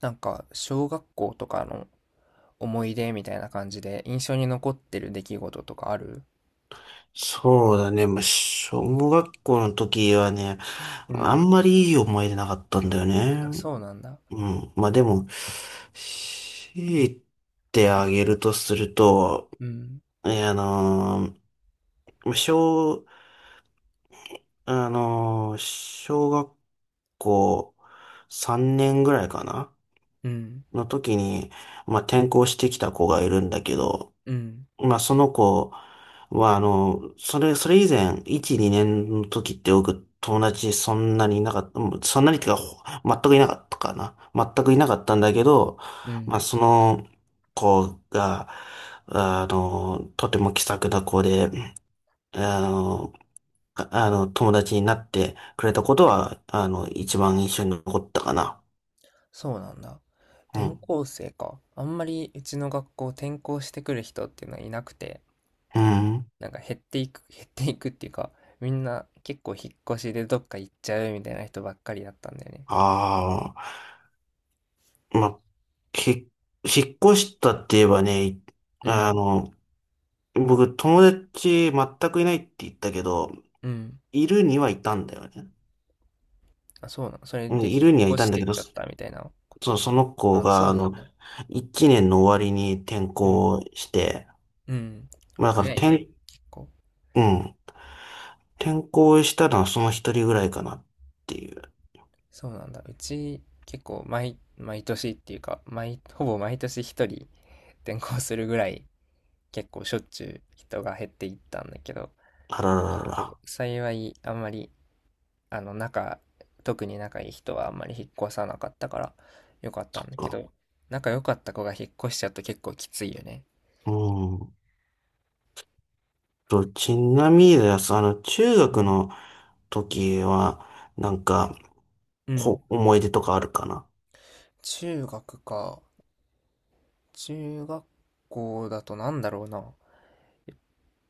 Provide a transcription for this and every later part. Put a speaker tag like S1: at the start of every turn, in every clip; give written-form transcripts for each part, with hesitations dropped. S1: なんか小学校とかの思い出みたいな感じで印象に残ってる出来事とかある？
S2: そうだね。まあ、小学校の時はね、
S1: う
S2: あ
S1: ん。
S2: んまりいい思い出なかったんだよね。
S1: あ、そうなんだ。
S2: うん。まあでも、強いてあげるとすると、
S1: うん、
S2: えあのー小、あのー小学校3年ぐらいかな
S1: うん、
S2: の時に、まあ転校してきた子がいるんだけど、
S1: うん、
S2: まあ、その子は、あの、それ以前、1、2年の時って僕、友達そんなにいなかった、うんそんなにっていうか、全くいなかったかな。全くいなかったんだけど、
S1: う
S2: まあ、
S1: ん。
S2: その子が、あの、とても気さくな子で、あの、友達になってくれたことは、あの、一番印象に残ったかな。
S1: そうなんだ。
S2: う
S1: 転
S2: ん。
S1: 校生か。あんまりうちの学校転校してくる人っていうのはいなくて、
S2: うん。
S1: なんか減っていく、減っていくっていうか、みんな結構引っ越しでどっか行っちゃうみたいな人ばっかりだったんだよね。
S2: ああ、まあ、ひ、引っ越したって言えばね、
S1: うん、
S2: あの、僕、友達全くいないって言ったけど、
S1: うん。
S2: いるにはいたんだよね。
S1: あ、そうなの。それ
S2: うん、
S1: で
S2: い
S1: 引
S2: るには
S1: っ
S2: い
S1: 越
S2: た
S1: し
S2: んだ
S1: て
S2: け
S1: っ
S2: ど、
S1: ちゃっ
S2: そ、
S1: たみたいなこ
S2: そう
S1: と。
S2: その子
S1: あ、そ
S2: が、
S1: う
S2: あ
S1: な
S2: の、
S1: んだ。
S2: 1年の終わりに転
S1: うん。
S2: 校して、
S1: うん。
S2: まあだから
S1: 早いね、
S2: 転、
S1: 結構。
S2: うん、転校したのはその一人ぐらいかなっていう。
S1: そうなんだ。うち、結構毎年っていうか、ほぼ毎年一人転校するぐらい、結構しょっちゅう人が減っていったんだけど、
S2: あら
S1: 結
S2: ら
S1: 構
S2: ら
S1: 幸い、あんまり、あの、仲、特に仲いい人はあんまり引っ越さなかったから、よかったんだけ
S2: ら。
S1: ど、仲良かった子が引っ越しちゃうと結構きついよね。
S2: うん。ちなみにです、あの、中
S1: う
S2: 学
S1: ん。
S2: の時は、なんか、
S1: うん、
S2: 思い出とかあるかな？
S1: 中学か。中学校だとなんだろうな。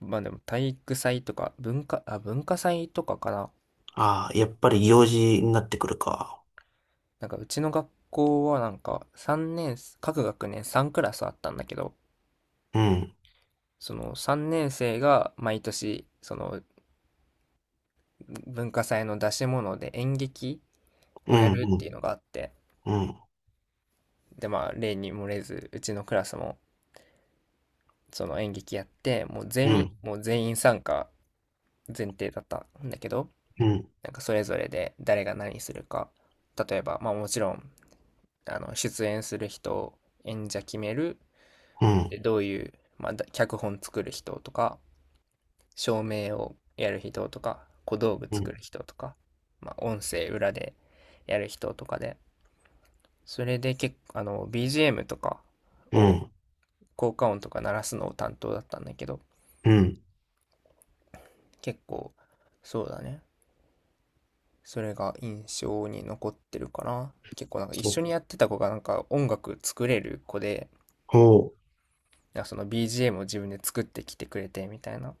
S1: まあでも体育祭とか文化祭とかかな。
S2: ああ、やっぱり幼児になってくるか。
S1: なんかうちの学校はなんか3年、各学年3クラスあったんだけど、
S2: うん
S1: その3年生が毎年その文化祭の出し物で演劇
S2: う
S1: をや
S2: ん。
S1: るっ
S2: う
S1: てい
S2: ん。
S1: うのがあって、
S2: うん、
S1: でまあ例に漏れずうちのクラスもその演劇やって、
S2: うん、
S1: もう全員参加前提だったんだけど、
S2: うん、
S1: なんかそれぞれで誰が何するか、例えばまあもちろん出演する人、演者決める、
S2: うん、
S1: で、どういう、まあ、脚本作る人とか、照明をやる人とか、小道具
S2: う
S1: 作
S2: ん、
S1: る人とか、まあ、音声裏でやる人とかで、それで結構、あの、BGM とか
S2: う
S1: を、
S2: ん、
S1: 効果音とか鳴らすのを担当だったんだけど、
S2: うん。
S1: 結構、そうだね。それが印象に残ってるかな。結構なんか一
S2: そ
S1: 緒にや
S2: う。
S1: ってた子がなんか音楽作れる子で、
S2: ほ
S1: なんかその BGM を自分で作ってきてくれてみたいな、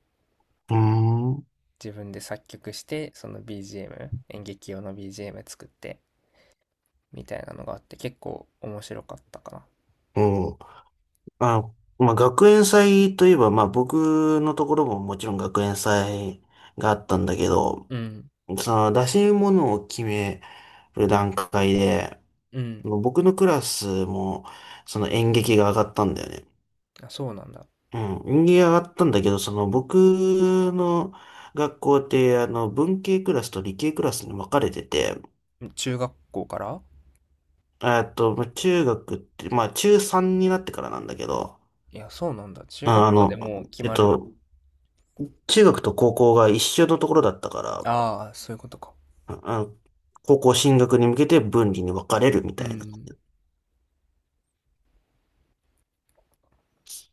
S2: う。うーん。う
S1: 自分で作曲してその BGM、 演劇用の BGM 作ってみたいなのがあって結構面白かったかな。
S2: ん。あ、まあ、学園祭といえば、まあ、僕のところももちろん学園祭があったんだけど、
S1: うん、
S2: その出し物を決める段階で、
S1: うん。
S2: 僕のクラスも、その演劇が上がったんだよね。
S1: あ、そうなんだ、
S2: うん。演劇が上がったんだけど、その僕の学校って、あの、文系クラスと理系クラスに分かれてて、
S1: 中学校から。
S2: まあ中学って、まあ中3になってからなんだけど、
S1: いや、そうなんだ、中
S2: ああ
S1: 学校で
S2: の、
S1: もう決
S2: えっ
S1: まるんだ。
S2: と、中学と高校が一緒のところだったから、
S1: ああー、そういうことか。
S2: ああの高校進学に向けて分離に分かれるみ
S1: う
S2: たいな。
S1: ん、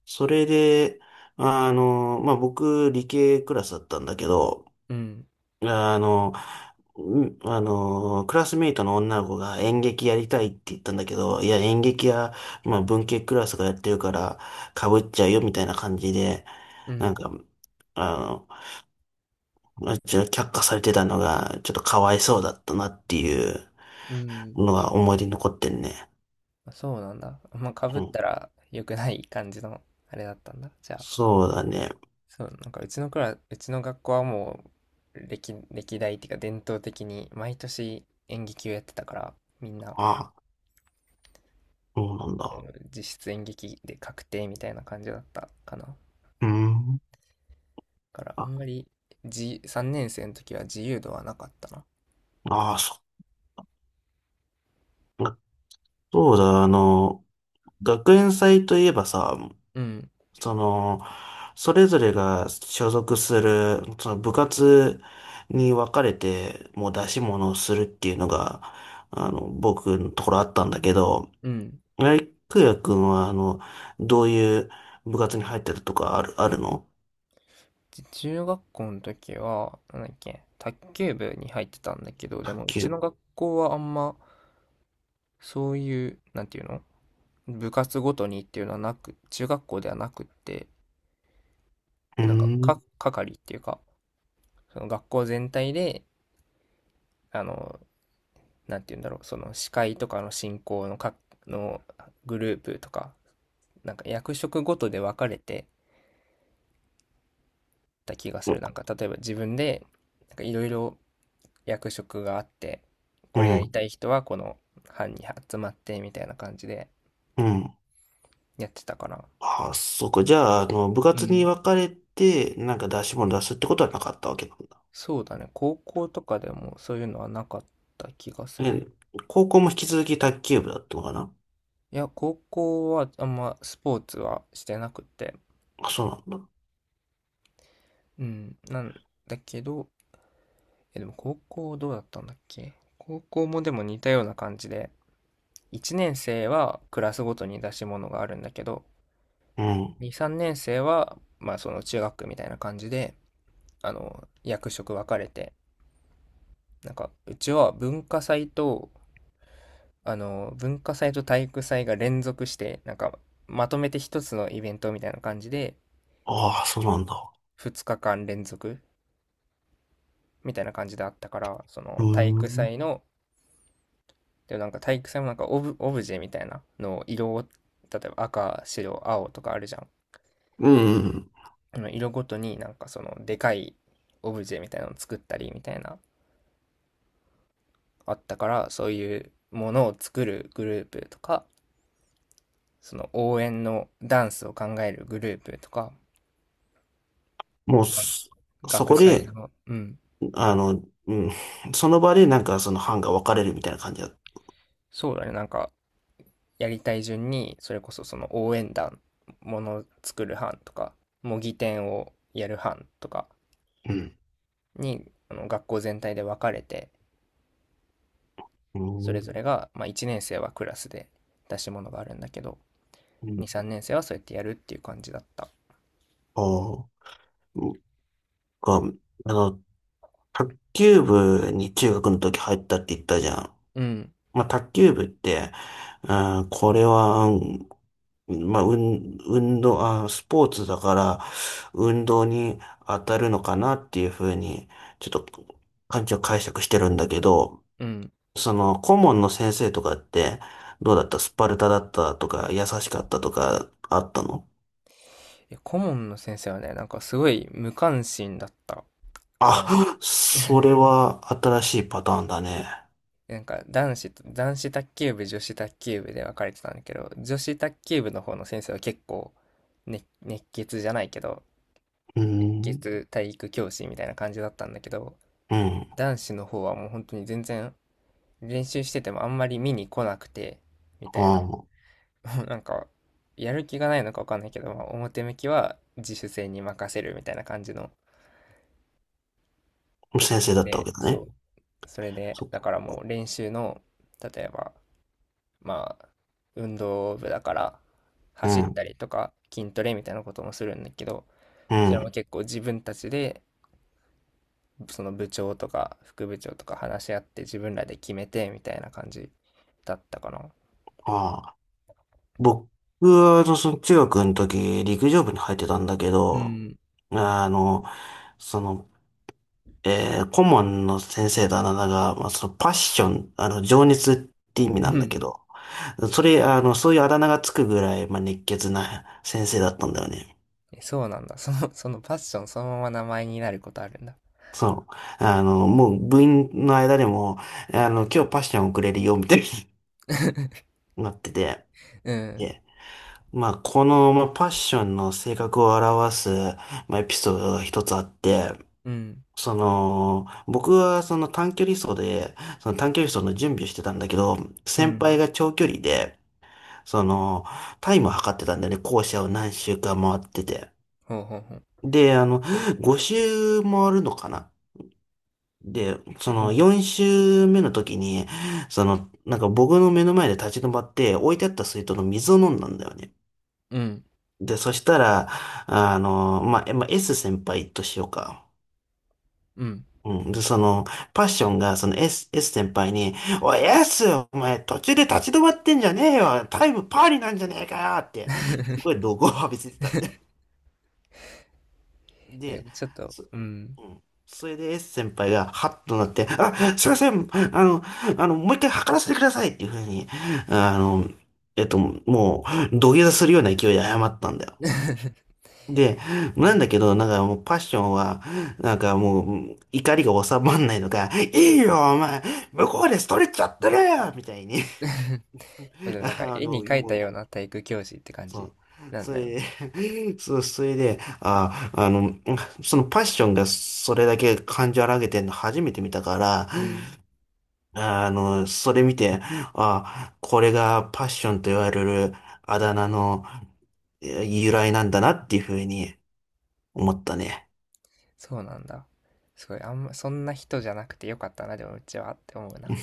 S2: それで、あの、まあ僕、理系クラスだったんだけど、
S1: うん、
S2: あの、クラスメイトの女の子が演劇やりたいって言ったんだけど、いや、演劇や、まあ文系クラスがやってるから、被っちゃうよみたいな感じで、
S1: う
S2: なん
S1: ん、
S2: か、あの、まあ、ちょっと却下されてたのが、ちょっとかわいそうだったなっていう
S1: うん。
S2: のが思い出に残ってんね。
S1: そうなんだ、まあか
S2: う
S1: ぶっ
S2: ん。
S1: たら良くない感じのあれだったんだじゃあ。
S2: そうだね。
S1: そう、なんかうちの学校はもう歴代っていうか伝統的に毎年演劇をやってたから、みんな
S2: あ、そうなん
S1: も
S2: だ。
S1: う実質演劇で確定みたいな感じだったかな。だ
S2: うん。
S1: からあ
S2: あ、
S1: んまり3年生の時は自由度はなかったな。
S2: ああ、そうだ、あの、学園祭といえばさ、
S1: うん、
S2: その、それぞれが所属する、その部活に分かれて、もう出し物をするっていうのが、あの、僕のところあったんだけど、
S1: うん。
S2: ライクヤ君は、あの、どういう部活に入ってるとかあるの？
S1: 中学校の時は、なんだっけ、卓球部に入ってたんだけど、で
S2: 卓
S1: もうち
S2: 球。う
S1: の学校はあんまそういう、なんていうの、部活ごとにっていうのはなく、中学校ではなくって、
S2: ーん。
S1: 係っていうか、その学校全体で、あの、なんて言うんだろう、その司会とかの進行ののグループとか、なんか役職ごとで分かれてた気がする。なんか、例えば自分で、なんかいろいろ役職があって、
S2: う
S1: これやり
S2: ん。
S1: たい人はこの班に集まってみたいな感じで
S2: うん。
S1: やってたから。
S2: あ、そこ。じゃあ、あの、部
S1: う
S2: 活に
S1: ん。
S2: 分かれて、なんか出し物出すってことはなかったわけなんだ。
S1: そうだね。高校とかでもそういうのはなかった気がするな。
S2: え、高校も引き続き卓球部だったのかな？
S1: いや、高校はあんまスポーツはしてなくて、
S2: あ、そうなんだ。
S1: うん、なんだけど、でも高校どうだったんだっけ、高校もでも似たような感じで、1年生はクラスごとに出し物があるんだけど、
S2: うん。
S1: 2、3年生は、まあその中学区みたいな感じで、あの、役職分かれて、なんか、うちは文化祭と体育祭が連続して、なんか、まとめて一つのイベントみたいな感じで、
S2: ああ、そうなんだ。
S1: 2日間連続みたいな感じであったから、そ
S2: う
S1: の体
S2: ー
S1: 育
S2: ん。
S1: 祭の、でもなんか体育祭もなんかオブジェみたいなのを色を、例えば赤、白、青とかあるじゃん。
S2: うん。うん。
S1: あの色ごとになんかそのでかいオブジェみたいなのを作ったりみたいな、あったからそういうものを作るグループとかその応援のダンスを考えるグループとか、
S2: もう
S1: まあ
S2: そ
S1: 学
S2: こ
S1: 祭
S2: で、
S1: の、うん、
S2: あの、うん。その場で、なんかその班が分かれるみたいな感じだ。
S1: そうだね、なんかやりたい順にそれこそその応援団、ものを作る班とか模擬店をやる班とか
S2: うん。
S1: に、あの、学校全体で分かれて、
S2: う
S1: それ
S2: ん。
S1: ぞれが、まあ、1年生はクラスで出し物があるんだけど、
S2: うん。
S1: 2、3年生はそうやってやるっていう感じだった。
S2: ああ。が、あの、卓球部に中学の時入ったって言ったじゃん。
S1: うん、
S2: まあ、卓球部って、うん、これは、うん、まあ、運動、あ、スポーツだから、運動に当たるのかなっていうふうに、ちょっと、感じを解釈してるんだけど、
S1: うん。
S2: その、顧問の先生とかって、どうだったスパルタだったとか、優しかったとか、あったの？
S1: いや、顧問の先生はね、なんかすごい無関心だったかな。
S2: あ、そ れは新しいパターンだね。
S1: なんか男子卓球部、女子卓球部で分かれてたんだけど、女子卓球部の方の先生は結構、ね、熱血じゃないけど、
S2: うー
S1: 熱
S2: ん。
S1: 血体育教師みたいな感じだったんだけど、
S2: うん。
S1: 男子の方はもう本当に全然、練習しててもあんまり見に来なくてみたいな。
S2: あ
S1: なんか、やる気がないのかわかんないけど、まあ、表向きは自主性に任せるみたいな感じの。
S2: あ、先生だったわけ
S1: で、
S2: だね。
S1: そう。それで、
S2: そ、
S1: だからもう練習の、例えば、まあ、運動部だから、
S2: う
S1: 走っ
S2: ん、
S1: たりとか、筋トレみたいなこともするんだけど、
S2: う
S1: それも
S2: ん。
S1: 結構自分たちで、その部長とか副部長とか話し合って自分らで決めてみたいな感じだったかな。
S2: ああ、僕は、あのその中学の時、陸上部に入ってたんだけ
S1: う
S2: ど、
S1: ん。
S2: あの、その、顧問の先生だあなたが、まあ、そのパッション、あの、情熱って意味
S1: う
S2: なんだけ
S1: ん。
S2: ど、それ、あの、そういうあだ名がつくぐらい、まあ、熱血な先生だったんだよね。
S1: そうなんだ。そのパッションそのまま名前になることあるんだ。
S2: そう。あの、もう部員の間でも、あの、今日パッションをくれるよ、みたい になってて、
S1: うん。
S2: まあ、この、まあ、パッションの性格を表す、まあ、エピソードが一つあって、
S1: うん。
S2: その、僕はその短距離走で、その短距離走の準備をしてたんだけど、
S1: う
S2: 先輩
S1: ん。
S2: が長距離で、その、タイムを測ってたんだよね。校舎を何周か回ってて。
S1: ほうほうほう。
S2: で、あの、
S1: そう。
S2: 5周回るのかな。で、そ
S1: う
S2: の
S1: ん。
S2: 4周目の時に、その、なんか僕の目の前で立ち止まって、置いてあった水筒の水を飲んだんだよね。
S1: うん。
S2: で、そしたら、あの、まあ、まあ、S 先輩としようか。
S1: うん。
S2: うん。で、その、パッションが、その S 先輩に、おい、S! お前、途中で立ち止まってんじゃねえよタイムパーリなんじゃねえかよって、すごい 怒号を浴びせてたんで。
S1: え、
S2: で、
S1: ちょっと、
S2: そ、
S1: うん。
S2: うん。それで S 先輩が、ハッとなって、あ、すいません、もう一回測らせてくださいっていうふうに、あの、もう、土下座するような勢いで謝ったんだよ。で、
S1: う
S2: なん
S1: ん。
S2: だけど、なんかもうパッションは、なんかもう怒りが収まんないのか、いいよ、お前、向こうでストレッチやってるよみたいに、
S1: ま だなんか
S2: あ
S1: 絵に
S2: の、
S1: 描いた
S2: もう、
S1: ような体育教師って感
S2: そ
S1: じ
S2: う。
S1: なん
S2: そ
S1: だね。
S2: れで、そう、それで、あ、あの、そのパッションがそれだけ感情荒げてんの初めて見たから、
S1: うん。
S2: あの、それ見て、あ、これがパッションと言われるあだ名の由来なんだなっていうふうに思ったね。
S1: そうなんだ。すごい、あんま、そんな人じゃなくてよかったな、でもうちは、って思うな。